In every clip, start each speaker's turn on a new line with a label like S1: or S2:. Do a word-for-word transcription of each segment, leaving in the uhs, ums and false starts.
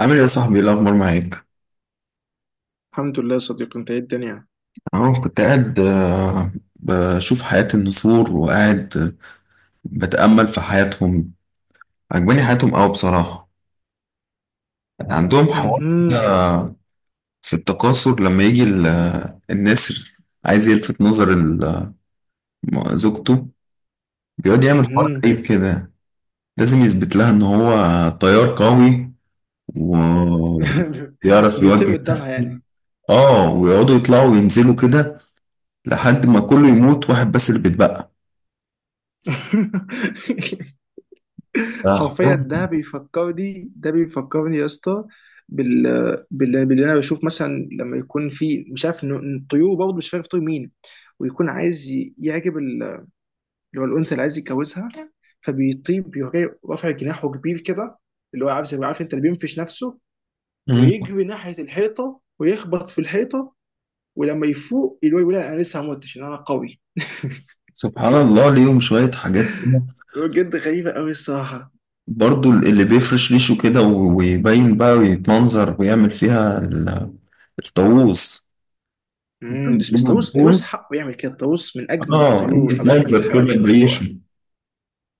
S1: عامل ايه يا صاحبي؟ ايه الاخبار معاك؟
S2: الحمد لله يا صديقي، انت ايه الدنيا؟
S1: اهو كنت قاعد، آه، بشوف حياة النسور وقاعد، آه، بتأمل في حياتهم. عجباني حياتهم قوي بصراحة. عندهم حوار
S2: امم.
S1: في التكاثر لما يجي ال- آه، النسر عايز يلفت نظر ال- آه، زوجته. بيقعد يعمل حوار
S2: امم.
S1: غريب كده. لازم يثبت لها ان هو طيار قوي وبيعرف
S2: بيطير
S1: يوجه
S2: قدامها
S1: نفسه.
S2: يعني.
S1: اه، ويقعدوا يطلعوا وينزلوا كده لحد ما كله يموت واحد بس اللي بيتبقى. صح.
S2: حرفيا ده بيفكرني ده بيفكرني يا اسطى بال... بال... باللي انا بشوف، مثلا لما يكون في مش عارف ان الطيور، برضه مش عارف طيور مين، ويكون عايز ي- يعجب ال- اللي هو الانثى اللي عايز يتجوزها، فبيطيب بيروح جاي رافع جناحه كبير كده، اللي هو عارف، زي عارف انت اللي بينفش نفسه،
S1: مم.
S2: ويجري ناحيه الحيطه ويخبط في الحيطه، ولما يفوق اللي هو يقول انا لسه ما متش، إن انا قوي.
S1: سبحان الله، ليهم شوية حاجات كده.
S2: بجد غريبه قوي الصراحه.
S1: برضو اللي بيفرش ريشه كده و- ويبين بقى ويتمنظر ويعمل فيها ال- الطاووس.
S2: امم، بس بس طاووس طاووس حقه يعمل كده، الطاووس من اجمل
S1: اه، يجي
S2: الطيور او اجمل
S1: يتمنظر
S2: الحيوانات
S1: كده
S2: المخلوقه.
S1: بريشه.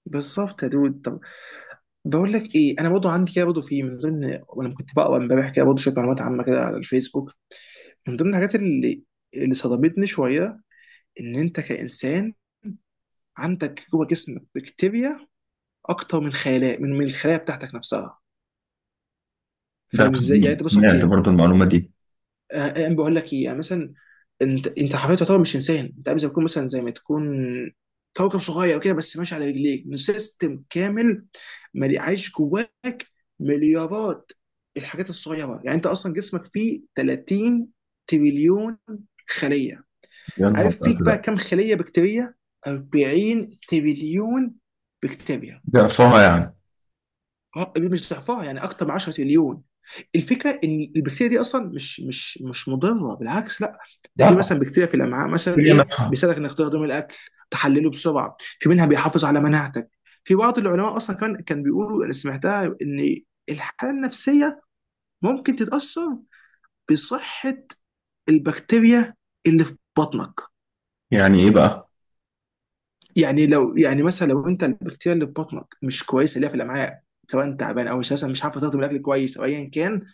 S2: بالظبط يا دود. طب بقول لك ايه، انا برضه عندي كده برضه، في من ضمن، وانا كنت بقرا امبارح كده برضه شويه معلومات عامه كده على الفيسبوك، من ضمن الحاجات اللي اللي صدمتني شويه، ان انت كانسان عندك جوه جسمك بكتيريا اكتر من خلايا، من من الخلايا بتاعتك نفسها.
S1: ده
S2: فاهم ازاي؟ يعني
S1: حقيقي،
S2: انت بس،
S1: سمعت
S2: اوكي،
S1: برضو المعلومة دي.
S2: آه، آه، انا بقول لك ايه. يعني مثلا انت انت حرفيا تعتبر مش انسان، انت عامل زي ما تكون، مثلا زي ما تكون كوكب صغير كده، بس ماشي على رجليك، من سيستم كامل ملي- عايش جواك مليارات الحاجات الصغيره. يعني انت اصلا جسمك فيه ثلاثين تريليون خليه.
S1: يا نهار
S2: عارف فيك بقى
S1: أزرق!
S2: كم خليه بكتيريه؟ أربعين تريليون بكتيريا.
S1: ضعفها يعني.
S2: آه، مش ضعفها، يعني اكتر من عشرة تريليون. الفكره ان البكتيريا دي اصلا مش مش مش مضره، بالعكس، لا. ده في
S1: نفع.
S2: مثلا بكتيريا في الامعاء مثلا،
S1: بكتيريا
S2: ايه،
S1: نفع.
S2: بيساعدك انك تهضم الاكل، تحلله بسرعه، في منها بيحافظ على مناعتك. في بعض العلماء اصلا كان كان بيقولوا، انا سمعتها، ان الحاله النفسيه ممكن تتاثر بصحه البكتيريا اللي في بطنك.
S1: يعني إيه بقى؟
S2: يعني لو، يعني مثلا لو انت البكتيريا اللي في بطنك مش كويسه، اللي هي في الامعاء، سواء تعبان او اساسا مش عارفه تهضم الاكل كويس او ايا كان،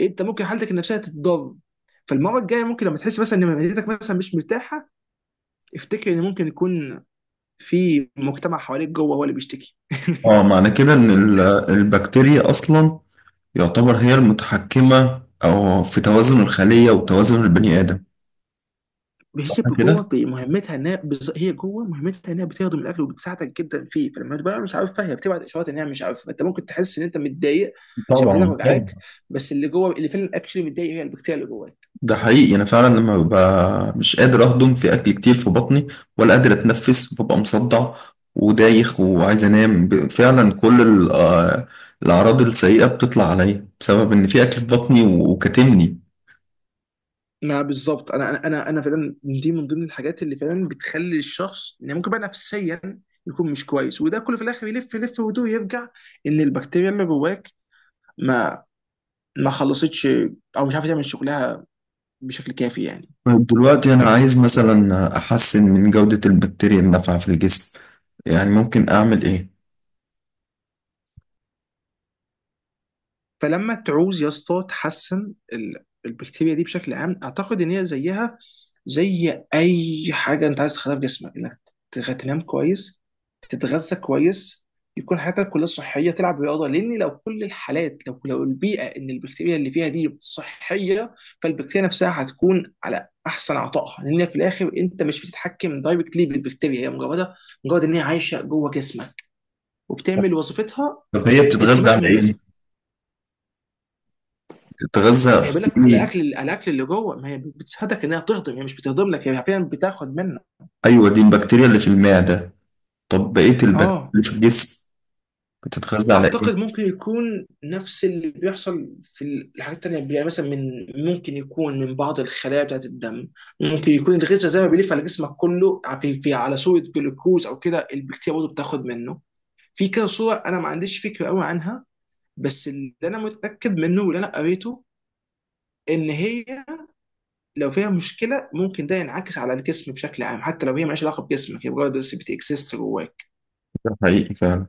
S2: انت ممكن حالتك النفسيه تتضر. فالمره الجايه ممكن لما تحس مثلا ان معدتك مثلا مش مرتاحه، افتكر ان ممكن يكون في مجتمع حواليك جوه هو اللي بيشتكي.
S1: اه، معنى كده إن ال- البكتيريا أصلا يعتبر هي المتحكمة، أو في توازن الخلية وتوازن البني آدم. صح
S2: هي جوه
S1: كده؟
S2: بمهمتها انها بز- هي جوه مهمتها انها بتخدم الاكل وبتساعدك جدا فيه، فلما تبقى مش عارفها هي بتبعت اشارات انها مش عارفه، انت ممكن تحس ان انت متضايق عشان معدتك
S1: طبعا.
S2: وجعاك، بس اللي جوه اللي فعلا اكشلي متضايق هي البكتيريا اللي جواك.
S1: ده حقيقي، انا فعلا لما ببقى مش قادر اهضم في اكل كتير في بطني ولا قادر اتنفس، ببقى مصدع ودايخ وعايز انام. ب- فعلا كل ال- آه، الاعراض السيئه بتطلع عليا بسبب ان في اكل في بطني و- وكاتمني.
S2: ما بالظبط، انا انا انا انا فعلا دي من ضمن الحاجات اللي فعلا بتخلي الشخص، يعني ممكن بقى نفسيا يكون مش كويس، وده كله في الاخر يلف يلف ودو يرجع ان البكتيريا اللي جواك ما ما خلصتش او مش عارفه تعمل شغلها بشكل كافي يعني.
S1: طيب، دلوقتي انا عايز مثلا احسن من جوده البكتيريا النافعه في الجسم، يعني ممكن اعمل ايه؟
S2: فلما تعوز يا اسطى تحسن ال- البكتيريا دي بشكل عام، اعتقد ان هي زيها زي اي حاجه انت عايز تخليها في جسمك، انك تغ- تنام كويس، تتغذى كويس، يكون حياتك كلها صحيه، تلعب رياضه، لان لو كل الحالات، لو لو البيئه ان البكتيريا اللي فيها دي صحيه، فالبكتيريا نفسها هتكون على احسن عطائها، لان في الاخر انت مش بتتحكم دايركتلي بالبكتيريا، هي مجرد، مجرد ان هي عايشه جوه جسمك وبتعمل وظيفتها
S1: طب هي بتتغذى
S2: التماسا
S1: على
S2: من
S1: ايه؟
S2: جسمك.
S1: بتتغذى
S2: ما هي بيقول
S1: في
S2: لك على
S1: ايه؟
S2: الاكل، على الاكل اللي جوه، ما هي بتساعدك انها تهضم، هي مش بتهضم لك، هي فعلا بتاخد منك.
S1: ايوه، دي البكتيريا اللي في المعده. طب بقيه البكتيريا
S2: اه،
S1: اللي في الجسم بتتغذى على
S2: اعتقد
S1: ايه؟
S2: ممكن يكون نفس اللي بيحصل في الحاجات التانية، يعني مثلا من، ممكن يكون من بعض الخلايا بتاعت الدم، ممكن يكون الغذاء زي ما بيلف على جسمك كله في، في على صورة جلوكوز او كده، البكتيريا برضه بتاخد منه. في كده صور انا ما عنديش فكرة قوي عنها، بس اللي انا متأكد منه واللي انا قريته ان هي لو فيها مشكله ممكن ده ينعكس على الجسم بشكل عام، حتى لو هي مالهاش علاقه بجسمك، هي مجرد بس بتكسست جواك.
S1: ده حقيقي فعلا.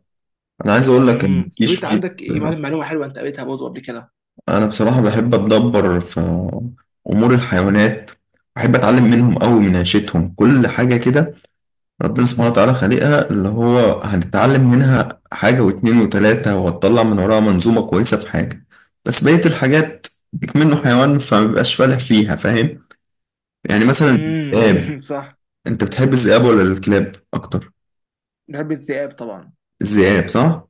S1: انا عايز اقول لك ان
S2: امم.
S1: في
S2: طب انت
S1: شويه.
S2: عندك إيه- معلومه معلومة حلوه انت قريتها برضه قبل كده؟
S1: انا بصراحه بحب اتدبر في امور الحيوانات. بحب اتعلم منهم قوي، من عيشتهم كل حاجه كده. ربنا سبحانه وتعالى خالقها، اللي هو هنتعلم منها حاجه واتنين وتلاته وهتطلع من وراها منظومه كويسه في حاجه. بس بقيه الحاجات بيك منه حيوان فما بيبقاش فالح فيها، فاهم؟ يعني مثلا الذئاب.
S2: امم. صح.
S1: انت بتحب الذئاب ولا الكلاب اكتر؟
S2: بحب الذئاب طبعا.
S1: الذئاب، صح.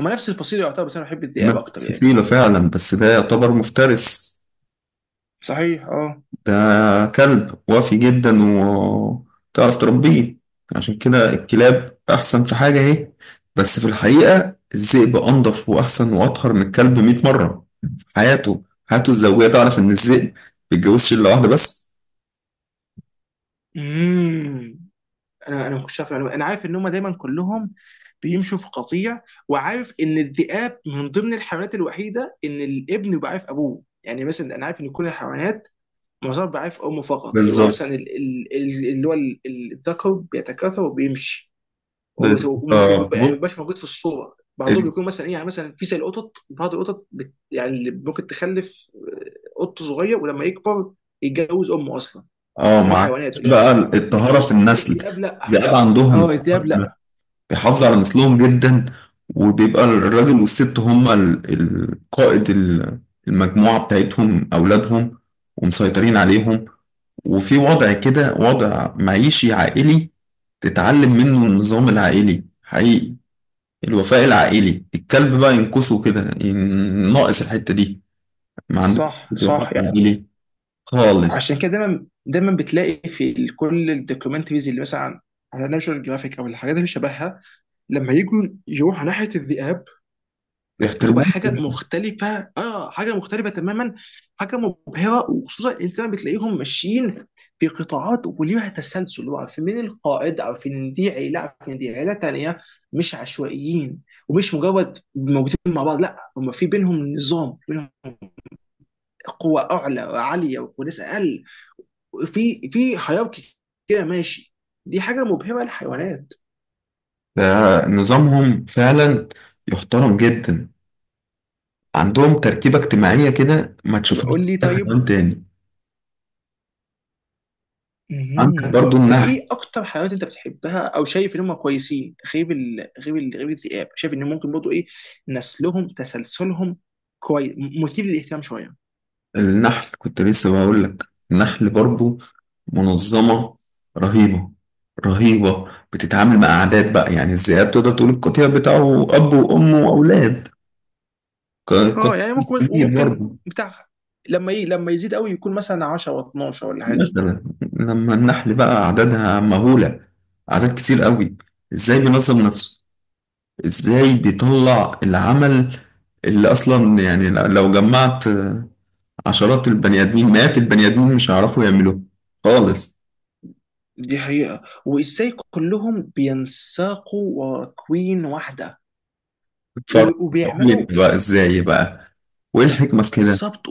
S2: هما نفس الفصيله يعتبر، بس انا بحب الذئاب
S1: نفس
S2: اكتر يعني.
S1: الفصيله فعلا، بس ده يعتبر مفترس.
S2: صحيح، اه.
S1: ده كلب وافي جدا وتعرف تربيه، عشان كده الكلاب أحسن في حاجة أهي. بس في الحقيقة الذئب أنضف وأحسن وأطهر من الكلب 100 مرة. في حياته، حياته الزوجية تعرف إن الذئب ما بيتجوزش إلا واحدة بس.
S2: امم. انا انا ما كنتش عارف المعلومة. انا عارف ان هما دايما كلهم بيمشوا في قطيع، وعارف ان الذئاب من ضمن الحيوانات الوحيده ان الابن بيبقى عارف ابوه. يعني مثلا انا عارف ان كل الحيوانات، معظمها بيبقى عارف امه فقط، بيبقى
S1: بالظبط،
S2: مثلا ال- ال- ال- اللي هو ال- ال- الذكر بيتكاثر وبيمشي، وهو
S1: بالظبط.
S2: هو م- م- م- يعني ما
S1: بص،
S2: بيبقاش موجود في الصوره. بعضهم
S1: ال-
S2: بيكون مثلا ايه، يعني مثلا في زي القطط، بعض القطط بت يعني، اللي ممكن تخلف، آه، قط صغير ولما يكبر يتجوز امه اصلا،
S1: اه
S2: ان هو
S1: مع
S2: حيوانات في الاخر
S1: بقى
S2: مش،
S1: الطهارة
S2: لكن
S1: في النسل.
S2: الذئاب لا.
S1: الذئاب عندهم
S2: اه، الذئاب لا.
S1: بيحافظوا على نسلهم جدا. وبيبقى الراجل والست هما ال- القائد، ال- المجموعة بتاعتهم أولادهم، ومسيطرين عليهم. وفي وضع كده، وضع معيشي عائلي. تتعلم منه النظام العائلي حقيقي، الوفاء العائلي. الكلب بقى ينقصه كده، ين- ناقص الحتة دي. ما عندهمش
S2: صح
S1: وفاء
S2: صح يعني.
S1: عائلي خالص.
S2: عشان كده دايما دايما بتلاقي في ال- كل الدوكيومنتريز اللي مثلا على ناشونال جرافيك او الحاجات اللي شبهها، لما يجوا يروحوا ناحيه الذئاب بتبقى
S1: بيحترموه
S2: حاجه
S1: جداً.
S2: مختلفه. اه، حاجه مختلفه تماما، حاجه مبهره، وخصوصا انت لما بتلاقيهم ماشيين في قطاعات وليها تسلسل، اللي هو عارفين مين القائد، عارفين ان دي عيله، عارفين إن دي عيله تانيه، مش عشوائيين، ومش مجرد موجودين مع بعض، لا، هم في بينهم نظام، بينهم قوه اعلى وعاليه وناس اقل، في في هيراركي كده ماشي. دي حاجه مبهره للحيوانات.
S1: ده نظامهم فعلا، يحترم جدا. عندهم تركيبة اجتماعية كده ما
S2: طب
S1: تشوفهاش
S2: قول
S1: في
S2: لي،
S1: أي
S2: طيب،
S1: حيوان تاني. عندك
S2: مهم.
S1: برضو
S2: طب
S1: النحل.
S2: ايه اكتر حيوانات انت بتحبها او شايف ان هم كويسين، غير ال... غير ال... غير الذئاب، شايف ان ممكن برضه ايه؟ نسلهم تسلسلهم كويس، مثير للاهتمام شويه.
S1: النحل كنت لسه بقول لك. النحل برضو منظمة رهيبة، رهيبة، بتتعامل مع أعداد بقى. يعني الذئاب تقدر تقول القطيع بتاعه أب وأم وأولاد، ق- قطيع
S2: اه، يعني ممكن،
S1: كبير
S2: وممكن
S1: برضو.
S2: بتاع، لما ايه، لما يزيد قوي يكون مثلا عشر و12 ولا حاجه.
S1: مثلا لما النحل بقى أعدادها مهولة، أعداد كتير قوي، إزاي بينظم نفسه؟ إزاي بيطلع العمل اللي أصلا يعني لو جمعت عشرات البني ادمين، مئات البني ادمين، مش هيعرفوا يعملوه خالص.
S2: دي حقيقه، وازاي كلهم بينساقوا ورا كوين واحده،
S1: اتفرج.
S2: و...
S1: قول لي
S2: وبيعملوا،
S1: بقى ازاي بقى، وايه الحكمه في كده؟
S2: بالظبط.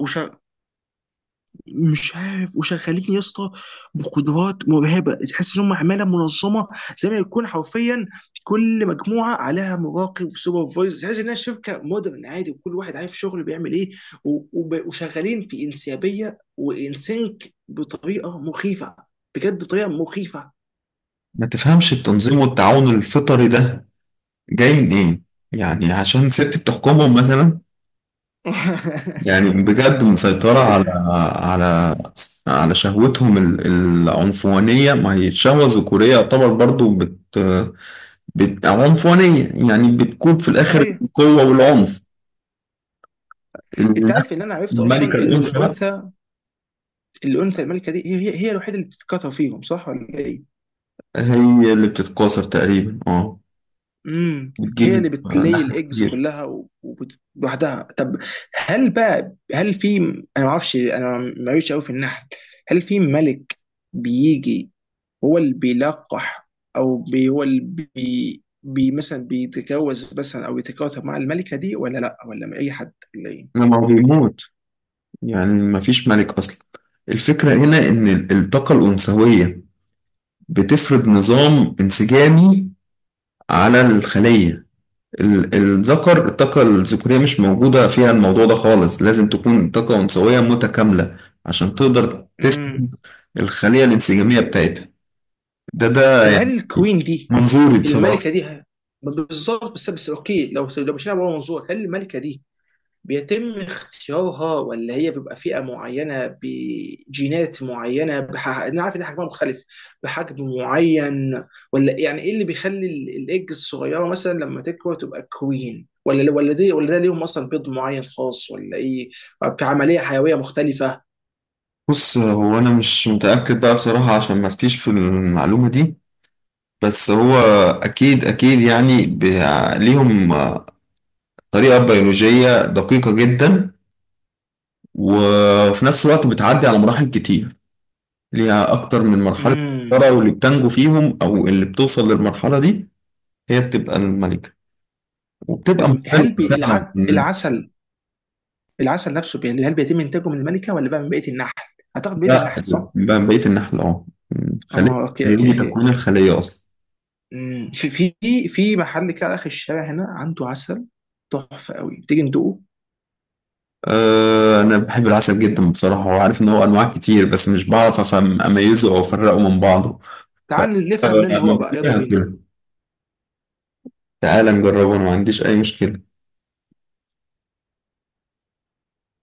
S2: مش عارف، وشغالين يا اسطى بقدرات مرعبه، تحس ان هم عماله منظمه، زي ما يكون حرفيا كل مجموعه عليها مراقب سوبرفايزر، تحس انها شركه مودرن عادي، وكل واحد عارف شغله بيعمل ايه، و- وب- وشغالين في انسيابيه وانسينك بطريقه مخيفه، بجد بطريقه مخيفه.
S1: ما تفهمش التنظيم والتعاون الفطري ده جاي منين؟ يعني عشان ست بتحكمهم مثلا؟ يعني بجد مسيطرة على على على شهوتهم ال- العنفوانية. ما هي الشهوة الذكورية يعتبر برضو بت, بت أو عنفوانية، يعني بتكون في الآخر
S2: صحيح.
S1: القوة والعنف.
S2: انت عارف ان انا عرفت
S1: الملكة
S2: اصلا ان
S1: الأنثى
S2: الانثى، الانثى الملكه دي، هي هي هي الوحيده اللي بتتكاثر فيهم، صح ولا ايه؟
S1: هي اللي بتتكاثر تقريبا، اه.
S2: امم. هي
S1: بتجيب
S2: اللي بتلي
S1: لحم
S2: الايجز
S1: كتير.
S2: كلها و- وبت- لوحدها. طب هل بقى، هل في، انا ما اعرفش، انا ما قوي قوي في النحل، هل في ملك بيجي هو اللي بيلقح، او بي هو اللي بي, بي مثلا بيتجوز مثلا، او يتجوز مع الملكه دي، ولا لا، ولا مع اي حد، ولا ايه؟
S1: لما هو بيموت، يعني مفيش ملك أصلا. الفكرة هنا إن ال- الطاقة الأنثوية بتفرض نظام انسجامي على الخلية. ال- الذكر، الطاقة الذكورية مش موجودة فيها الموضوع ده خالص. لازم تكون طاقة أنثوية متكاملة عشان تقدر
S2: امم.
S1: تفرض الخلية الانسجامية بتاعتها. ده ده
S2: طب هل
S1: يعني
S2: الكوين دي،
S1: منظوري بصراحة.
S2: الملكه دي ه- بالظبط، بس بس اوكي، لو لو مشينا بره منظور، هل الملكه دي بيتم اختيارها، ولا هي بيبقى فئة معينة بجينات معينة بح... أنا عارف إن حجمها مختلف، بحجم معين، ولا يعني إيه اللي بيخلي ال- الإيج الصغيرة مثلا لما تكبر تبقى كوين، ولا ولا دي ولا ده، ليهم أصلا بيض معين خاص ولا إيه، في عملية حيوية مختلفة؟
S1: بص، هو انا مش متاكد بقى بصراحه، عشان ما افتيش في المعلومه دي. بس هو اكيد، اكيد، يعني ب- ليهم طريقه بيولوجيه دقيقه جدا، وفي نفس الوقت بتعدي على مراحل كتير. ليها اكتر من مرحله
S2: امم.
S1: مفكرة، واللي بتنجو فيهم او اللي بتوصل للمرحله دي هي بتبقى الملكه. وبتبقى
S2: طب هل
S1: مختلفه
S2: بي...
S1: فعلا
S2: الع...
S1: من
S2: العسل، العسل نفسه بي، هل بيتم إنتاجه من الملكة ولا بقى من بقية النحل؟ أعتقد بقية
S1: ده-
S2: النحل، صح؟
S1: من بقيه النحل، اه، من الخليه.
S2: اه، اوكي
S1: هي
S2: اوكي
S1: دي
S2: اوكي.
S1: تكوين الخليه اصلا.
S2: مم. في في في محل كده على اخر الشارع هنا عنده عسل تحفه قوي، تيجي ندوقه؟
S1: أه، أنا بحب العسل جدا بصراحة، وعارف إن هو أنواع كتير بس مش بعرف أفهم أميزه أو أفرقه من بعضه. ف
S2: تعال نفهم
S1: أه،
S2: منه هو بقى، يلا
S1: موجودة
S2: بينا.
S1: هاكله. تعالى نجربه، أنا ما عنديش أي مشكلة.